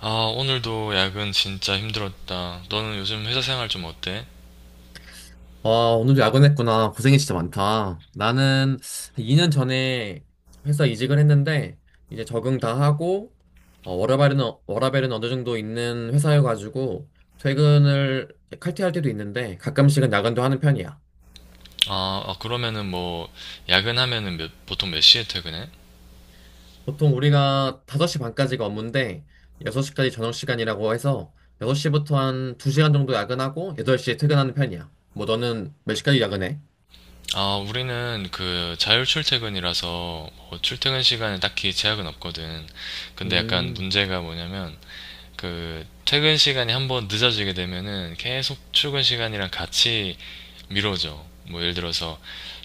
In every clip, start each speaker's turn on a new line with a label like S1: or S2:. S1: 아, 오늘도 야근 진짜 힘들었다. 너는 요즘 회사 생활 좀 어때?
S2: 아, 오늘도 야근했구나. 고생이 진짜 많다. 나는 2년 전에 회사 이직을 했는데, 이제 적응 다 하고, 워라밸은 어느 정도 있는 회사여가지고, 퇴근을 칼퇴할 때도 있는데, 가끔씩은 야근도 하는 편이야.
S1: 아, 아, 그러면은 뭐, 야근하면은 보통 몇 시에 퇴근해?
S2: 보통 우리가 5시 반까지가 업무인데, 6시까지 저녁 시간이라고 해서, 6시부터 한 2시간 정도 야근하고, 8시에 퇴근하는 편이야. 뭐, 너는 몇 시까지 야근해?
S1: 아, 우리는 그 자율 출퇴근이라서 뭐 출퇴근 시간에 딱히 제약은 없거든. 근데 약간
S2: 음,
S1: 문제가 뭐냐면, 그 퇴근 시간이 한번 늦어지게 되면은 계속 출근 시간이랑 같이 미뤄져. 뭐 예를 들어서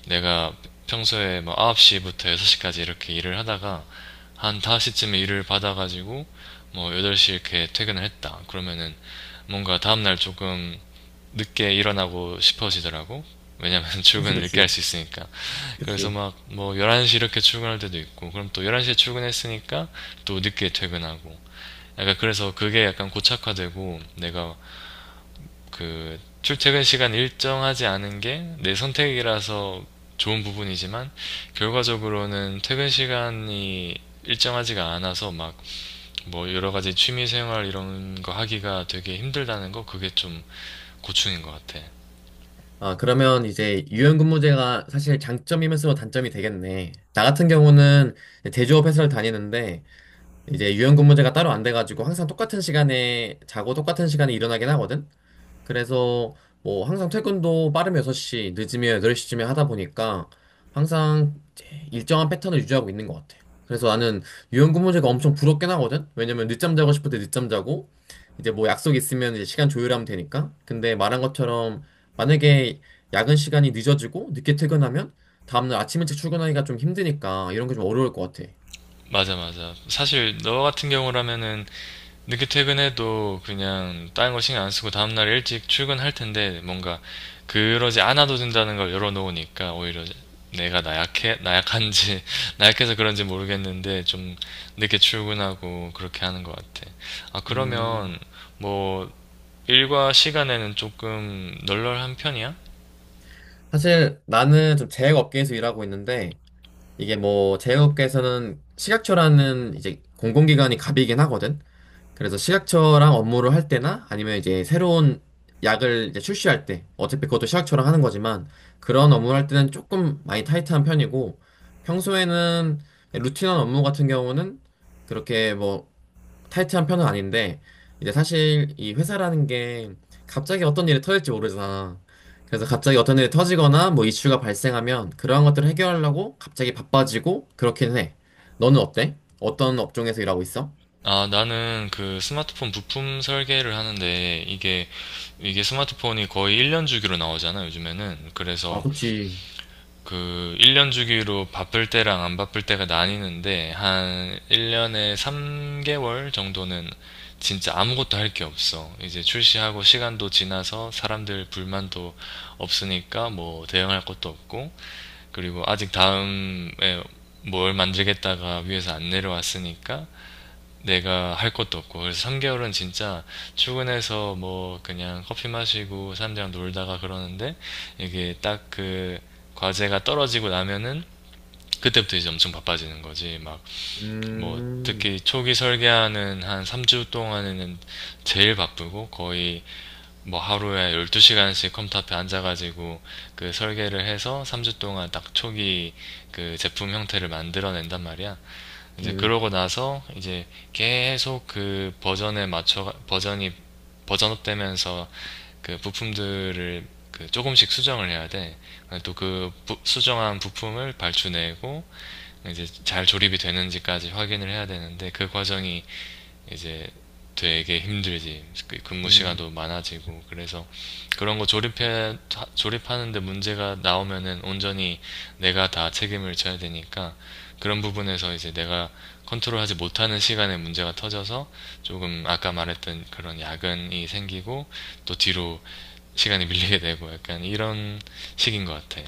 S1: 내가 평소에 뭐 9시부터 6시까지 이렇게 일을 하다가 한 5시쯤에 일을 받아가지고 뭐 8시 이렇게 퇴근을 했다. 그러면은 뭔가 다음날 조금 늦게 일어나고 싶어지더라고. 왜냐면
S2: 그치,
S1: 출근을 늦게 할
S2: 그치.
S1: 수 있으니까. 그래서
S2: 그치.
S1: 막 뭐 11시 이렇게 출근할 때도 있고, 그럼 또 11시에 출근했으니까 또 늦게 퇴근하고. 약간 그래서 그게 약간 고착화되고 내가 그 출퇴근 시간 일정하지 않은 게 내 선택이라서 좋은 부분이지만 결과적으로는 퇴근 시간이 일정하지가 않아서 막 뭐 여러 가지 취미 생활 이런 거 하기가 되게 힘들다는 거, 그게 좀 고충인 것 같아.
S2: 아, 그러면 이제 유연근무제가 사실 장점이면서 단점이 되겠네. 나 같은 경우는 제조업 회사를 다니는데 이제 유연근무제가 따로 안 돼가지고 항상 똑같은 시간에 자고 똑같은 시간에 일어나긴 하거든. 그래서 뭐 항상 퇴근도 빠르면 6시, 늦으면 8시쯤에 하다 보니까 항상 일정한 패턴을 유지하고 있는 것 같아. 그래서 나는 유연근무제가 엄청 부럽긴 하거든? 왜냐면 늦잠 자고 싶을 때 늦잠 자고, 이제 뭐 약속 있으면 이제 시간 조율하면 되니까. 근데 말한 것처럼 만약에 야근 시간이 늦어지고 늦게 퇴근하면 다음날 아침 일찍 출근하기가 좀 힘드니까 이런 게 좀 어려울 것 같아.
S1: 맞아, 맞아. 사실 너 같은 경우라면은 늦게 퇴근해도 그냥 다른 거 신경 안 쓰고 다음날 일찍 출근할 텐데, 뭔가 그러지 않아도 된다는 걸 열어놓으니까 오히려 내가 나약한지, 나약해서 그런지 모르겠는데 좀 늦게 출근하고 그렇게 하는 것 같아. 아,
S2: 음.
S1: 그러면 뭐 일과 시간에는 조금 널널한 편이야?
S2: 사실 나는 좀 제약 업계에서 일하고 있는데 이게 뭐 제약업계에서는 식약처라는 이제 공공기관이 갑이긴 하거든. 그래서 식약처랑 업무를 할 때나 아니면 이제 새로운 약을 이제 출시할 때 어차피 그것도 식약처랑 하는 거지만 그런 업무를 할 때는 조금 많이 타이트한 편이고 평소에는 루틴한 업무 같은 경우는 그렇게 뭐 타이트한 편은 아닌데 이제 사실 이 회사라는 게 갑자기 어떤 일이 터질지 모르잖아. 그래서 갑자기 어떤 일이 터지거나 뭐 이슈가 발생하면 그러한 것들을 해결하려고 갑자기 바빠지고 그렇긴 해. 너는 어때? 어떤 업종에서 일하고 있어?
S1: 아, 나는 그 스마트폰 부품 설계를 하는데 이게 스마트폰이 거의 1년 주기로 나오잖아, 요즘에는.
S2: 아,
S1: 그래서
S2: 그렇지.
S1: 그 1년 주기로 바쁠 때랑 안 바쁠 때가 나뉘는데 한 1년에 3개월 정도는 진짜 아무것도 할 게 없어. 이제 출시하고 시간도 지나서 사람들 불만도 없으니까 뭐 대응할 것도 없고, 그리고 아직 다음에 뭘 만들겠다가 위에서 안 내려왔으니까 내가 할 것도 없고, 그래서 3개월은 진짜 출근해서 뭐 그냥 커피 마시고 사람들이랑 놀다가 그러는데, 이게 딱 그 과제가 떨어지고 나면은 그때부터 이제 엄청 바빠지는 거지. 막 뭐
S2: 음,
S1: 특히 초기 설계하는 한 3주 동안에는 제일 바쁘고, 거의 뭐 하루에 12시간씩 컴퓨터 앞에 앉아가지고 그 설계를 해서 3주 동안 딱 초기 그 제품 형태를 만들어낸단 말이야. 이제
S2: 음,
S1: 그러고 나서 이제 계속 그 버전에 맞춰 버전이 버전업 되면서 그 부품들을 그 조금씩 수정을 해야 돼. 또 그 수정한 부품을 발주내고 이제 잘 조립이 되는지까지 확인을 해야 되는데, 그 과정이 이제 되게 힘들지. 그 근무
S2: 음.
S1: 시간도 많아지고. 그래서 그런 거 조립해 조립하는데 문제가 나오면은 온전히 내가 다 책임을 져야 되니까, 그런 부분에서 이제 내가 컨트롤하지 못하는 시간에 문제가 터져서 조금 아까 말했던 그런 야근이 생기고, 또 뒤로 시간이 밀리게 되고 약간 이런 식인 것 같아.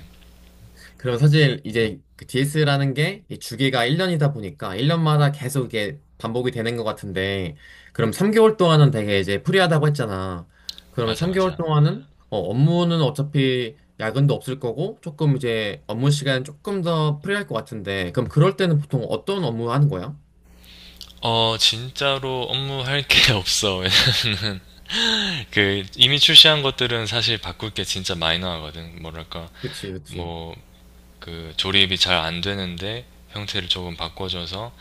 S2: 그리고 사실 이제 그 DS라는 게이 주기가 1년이다 보니까 1년마다 계속 이게 반복이 되는 것 같은데 그럼 3개월 동안은 되게 이제 프리하다고 했잖아. 그러면
S1: 맞아,
S2: 3개월
S1: 맞아.
S2: 동안은 업무는 어차피 야근도 없을 거고 조금 이제 업무 시간 조금 더 프리할 것 같은데 그럼 그럴 때는 보통 어떤 업무 하는 거야?
S1: 어, 진짜로 업무할 게 없어. 왜냐면은 그 이미 출시한 것들은 사실 바꿀 게 진짜 마이너하거든. 뭐랄까,
S2: 그치, 그치.
S1: 뭐 그 조립이 잘 안 되는데 형태를 조금 바꿔줘서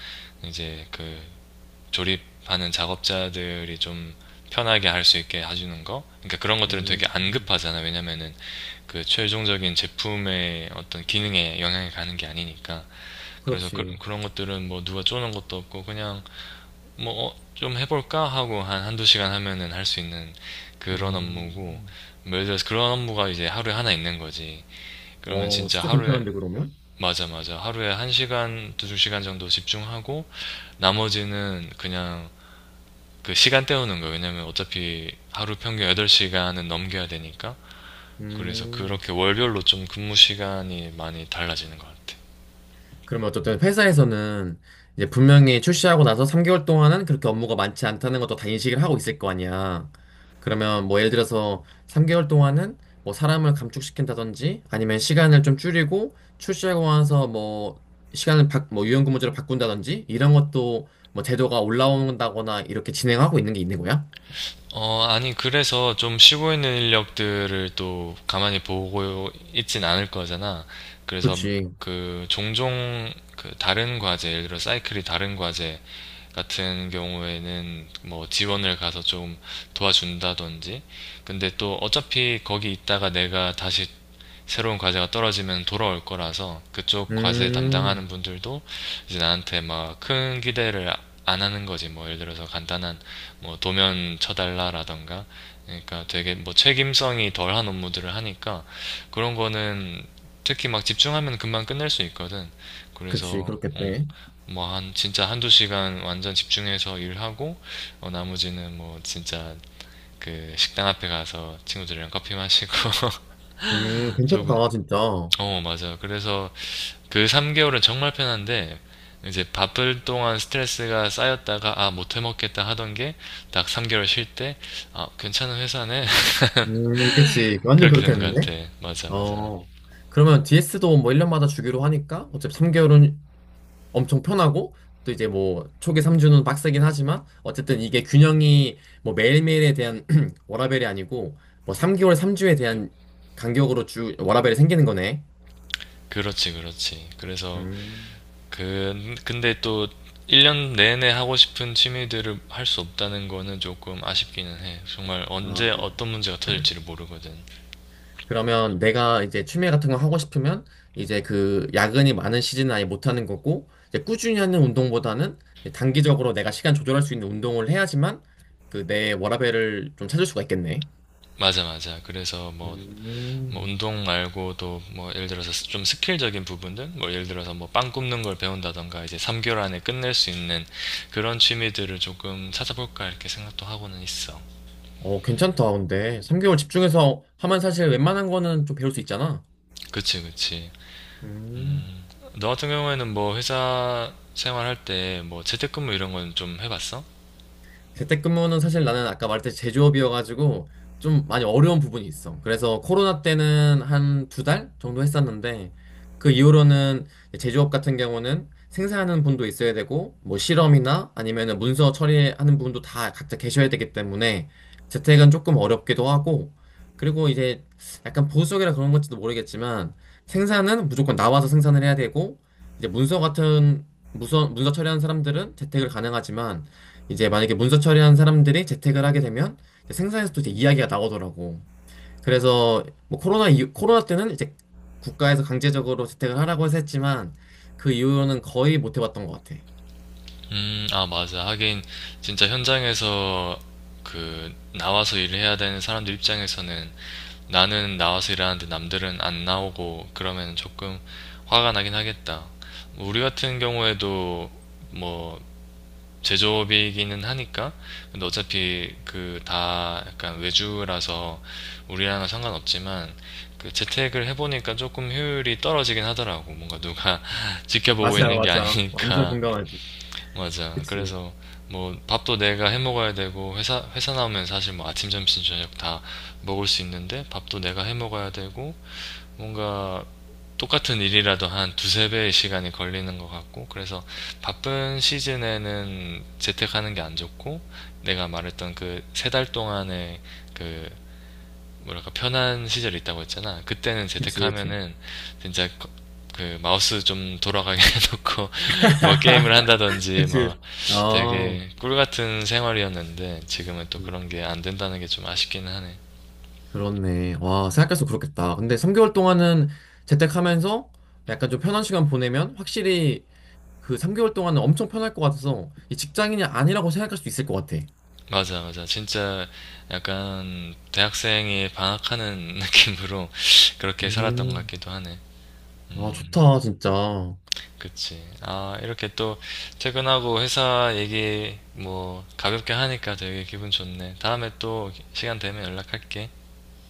S1: 이제 그 조립하는 작업자들이 좀 편하게 할 수 있게 해주는 거. 그러니까 그런 것들은 되게
S2: 음,
S1: 안 급하잖아. 왜냐면은 그 최종적인 제품의 어떤 기능에 영향이 가는 게 아니니까. 그래서 그
S2: 그렇지.
S1: 런 것들은 뭐 누가 쪼는 것도 없고 그냥 뭐, 어, 좀 해볼까? 하고 한 한두 시간 하면은 할 수 있는 그런 업무고,
S2: 음,
S1: 뭐 예를 들어서 그런 업무가 이제 하루에 하나 있는 거지. 그러면
S2: 와,
S1: 진짜
S2: 진짜
S1: 하루에,
S2: 괜찮은데 그러면?
S1: 맞아, 맞아. 하루에 한 시간, 두 시간 정도 집중하고, 나머지는 그냥 그 시간 때우는 거예요. 왜냐면 어차피 하루 평균 8시간은 넘겨야 되니까. 그래서
S2: 음.
S1: 그렇게 월별로 좀 근무 시간이 많이 달라지는 것 같아.
S2: 그러면 어쨌든 회사에서는 이제 분명히 출시하고 나서 3개월 동안은 그렇게 업무가 많지 않다는 것도 다 인식을 하고 있을 거 아니야. 그러면 뭐 예를 들어서 3개월 동안은 뭐 사람을 감축시킨다든지 아니면 시간을 좀 줄이고 출시하고 나서 뭐 뭐 유연근무제로 바꾼다든지 이런 것도 뭐 제도가 올라온다거나 이렇게 진행하고 있는 게 있는 거야?
S1: 어, 아니, 그래서 좀 쉬고 있는 인력들을 또 가만히 보고 있진 않을 거잖아. 그래서
S2: 그치.
S1: 그 종종 그 다른 과제, 예를 들어 사이클이 다른 과제 같은 경우에는 뭐 지원을 가서 좀 도와준다든지. 근데 또 어차피 거기 있다가 내가 다시 새로운 과제가 떨어지면 돌아올 거라서 그쪽 과제
S2: 음,
S1: 담당하는 분들도 이제 나한테 막 큰 기대를 안 하는 거지. 뭐 예를 들어서 간단한 뭐 도면 쳐달라라던가, 그러니까 되게 뭐 책임성이 덜한 업무들을 하니까 그런 거는 특히 막 집중하면 금방 끝낼 수 있거든.
S2: 그치.
S1: 그래서 어,
S2: 그렇겠네.
S1: 뭐 한 진짜 한두 시간 완전 집중해서 일하고, 어, 나머지는 뭐 진짜 그 식당 앞에 가서 친구들이랑 커피 마시고 조금,
S2: 괜찮다, 진짜.
S1: 어, 맞아요. 그래서 그 3개월은 정말 편한데, 이제 바쁠 동안 스트레스가 쌓였다가, 아, 못 해먹겠다 하던 게, 딱 3개월 쉴 때, 아, 괜찮은 회사네.
S2: 그치. 완전
S1: 그렇게 되는 것 같아.
S2: 그렇겠는데?
S1: 맞아, 맞아.
S2: 어, 그러면 DS도 뭐 1년마다 주기로 하니까 어차피 3개월은 엄청 편하고 또 이제 뭐 초기 3주는 빡세긴 하지만 어쨌든 이게 균형이 뭐 매일매일에 대한 워라밸이 아니고 뭐 3개월 3주에 대한 간격으로 주 워라밸이 생기는 거네.
S1: 그렇지, 그렇지. 그래서,
S2: 음,
S1: 그, 근데 또, 1년 내내 하고 싶은 취미들을 할 수 없다는 거는 조금 아쉽기는 해. 정말 언제
S2: 아.
S1: 어떤 문제가 터질지를 모르거든.
S2: 그러면 내가 이제 취미 같은 거 하고 싶으면 이제 그 야근이 많은 시즌은 아예 못 하는 거고 이제 꾸준히 하는 운동보다는 이제 단기적으로 내가 시간 조절할 수 있는 운동을 해야지만 그 내 워라밸을 좀 찾을 수가 있겠네.
S1: 맞아, 맞아. 그래서 뭐, 뭐
S2: 음.
S1: 운동 말고도 뭐 예를 들어서 좀 스킬적인 부분들, 뭐 예를 들어서 뭐 빵 굽는 걸 배운다던가 이제 3개월 안에 끝낼 수 있는 그런 취미들을 조금 찾아볼까 이렇게 생각도 하고는 있어.
S2: 어, 괜찮다. 근데 3개월 집중해서 하면 사실 웬만한 거는 좀 배울 수 있잖아.
S1: 그치, 그치.
S2: 음.
S1: 너 같은 경우에는 뭐 회사 생활할 때 뭐 재택근무 이런 건 좀 해봤어?
S2: 재택근무는 사실 나는 아까 말했듯이 제조업이어가지고 좀 많이 어려운 부분이 있어. 그래서 코로나 때는 한 두 달 정도 했었는데 그 이후로는 제조업 같은 경우는 생산하는 분도 있어야 되고 뭐 실험이나 아니면은 문서 처리하는 분도 다 각자 계셔야 되기 때문에 재택은 조금 어렵기도 하고 그리고 이제 약간 보수적이라 그런 건지도 모르겠지만 생산은 무조건 나와서 생산을 해야 되고 이제 문서 처리하는 사람들은 재택을 가능하지만 이제 만약에 문서 처리한 사람들이 재택을 하게 되면 이제 생산에서도 이제 이야기가 나오더라고. 그래서 뭐 코로나 때는 이제 국가에서 강제적으로 재택을 하라고 해서 했지만 그 이후로는 거의 못 해봤던 것 같아.
S1: 아, 맞아. 하긴, 진짜 현장에서 그, 나와서 일을 해야 되는 사람들 입장에서는 나는 나와서 일하는데 남들은 안 나오고 그러면 조금 화가 나긴 하겠다. 뭐 우리 같은 경우에도 뭐 제조업이기는 하니까. 근데 어차피 그 다 약간 외주라서 우리랑은 상관없지만, 그 재택을 해보니까 조금 효율이 떨어지긴 하더라고. 뭔가 누가 지켜보고
S2: 맞아,
S1: 있는 게
S2: 맞아. 완전
S1: 아니니까.
S2: 공감하지.
S1: 맞아.
S2: 그치.
S1: 그래서 뭐 밥도 내가 해 먹어야 되고, 회사 나오면 사실 뭐 아침, 점심, 저녁 다 먹을 수 있는데 밥도 내가 해 먹어야 되고, 뭔가 똑같은 일이라도 한 두세 배의 시간이 걸리는 것 같고. 그래서 바쁜 시즌에는 재택하는 게 안 좋고, 내가 말했던 그 세 달 동안의 그, 뭐랄까, 편한 시절이 있다고 했잖아. 그때는
S2: 그치, 그치.
S1: 재테크하면은 진짜 그 마우스 좀 돌아가게 해놓고 뭐 게임을 한다든지
S2: 그치.
S1: 뭐,
S2: 어.
S1: 되게 꿀 같은 생활이었는데 지금은 또
S2: 음.
S1: 그런 게 안 된다는 게 좀 아쉽기는 하네.
S2: 그렇네. 와, 생각할수록 그렇겠다. 근데 3개월 동안은 재택하면서 약간 좀 편한 시간 보내면 확실히 그 3개월 동안은 엄청 편할 것 같아서 이 직장인이 아니라고 생각할 수 있을 것 같아.
S1: 맞아, 맞아. 진짜 약간 대학생이 방학하는 느낌으로 그렇게 살았던 것
S2: 음.
S1: 같기도 하네.
S2: 아,
S1: 음.
S2: 좋다, 진짜.
S1: 그치. 아, 이렇게 또 퇴근하고 회사 얘기 뭐 가볍게 하니까 되게 기분 좋네. 다음에 또 시간 되면 연락할게.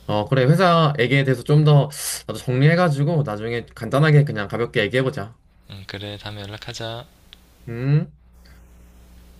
S2: 어, 그래. 회사 얘기에 대해서 좀 더 나도 정리해가지고 나중에 간단하게 그냥 가볍게 얘기해보자.
S1: 응, 그래. 다음에 연락하자.
S2: 음.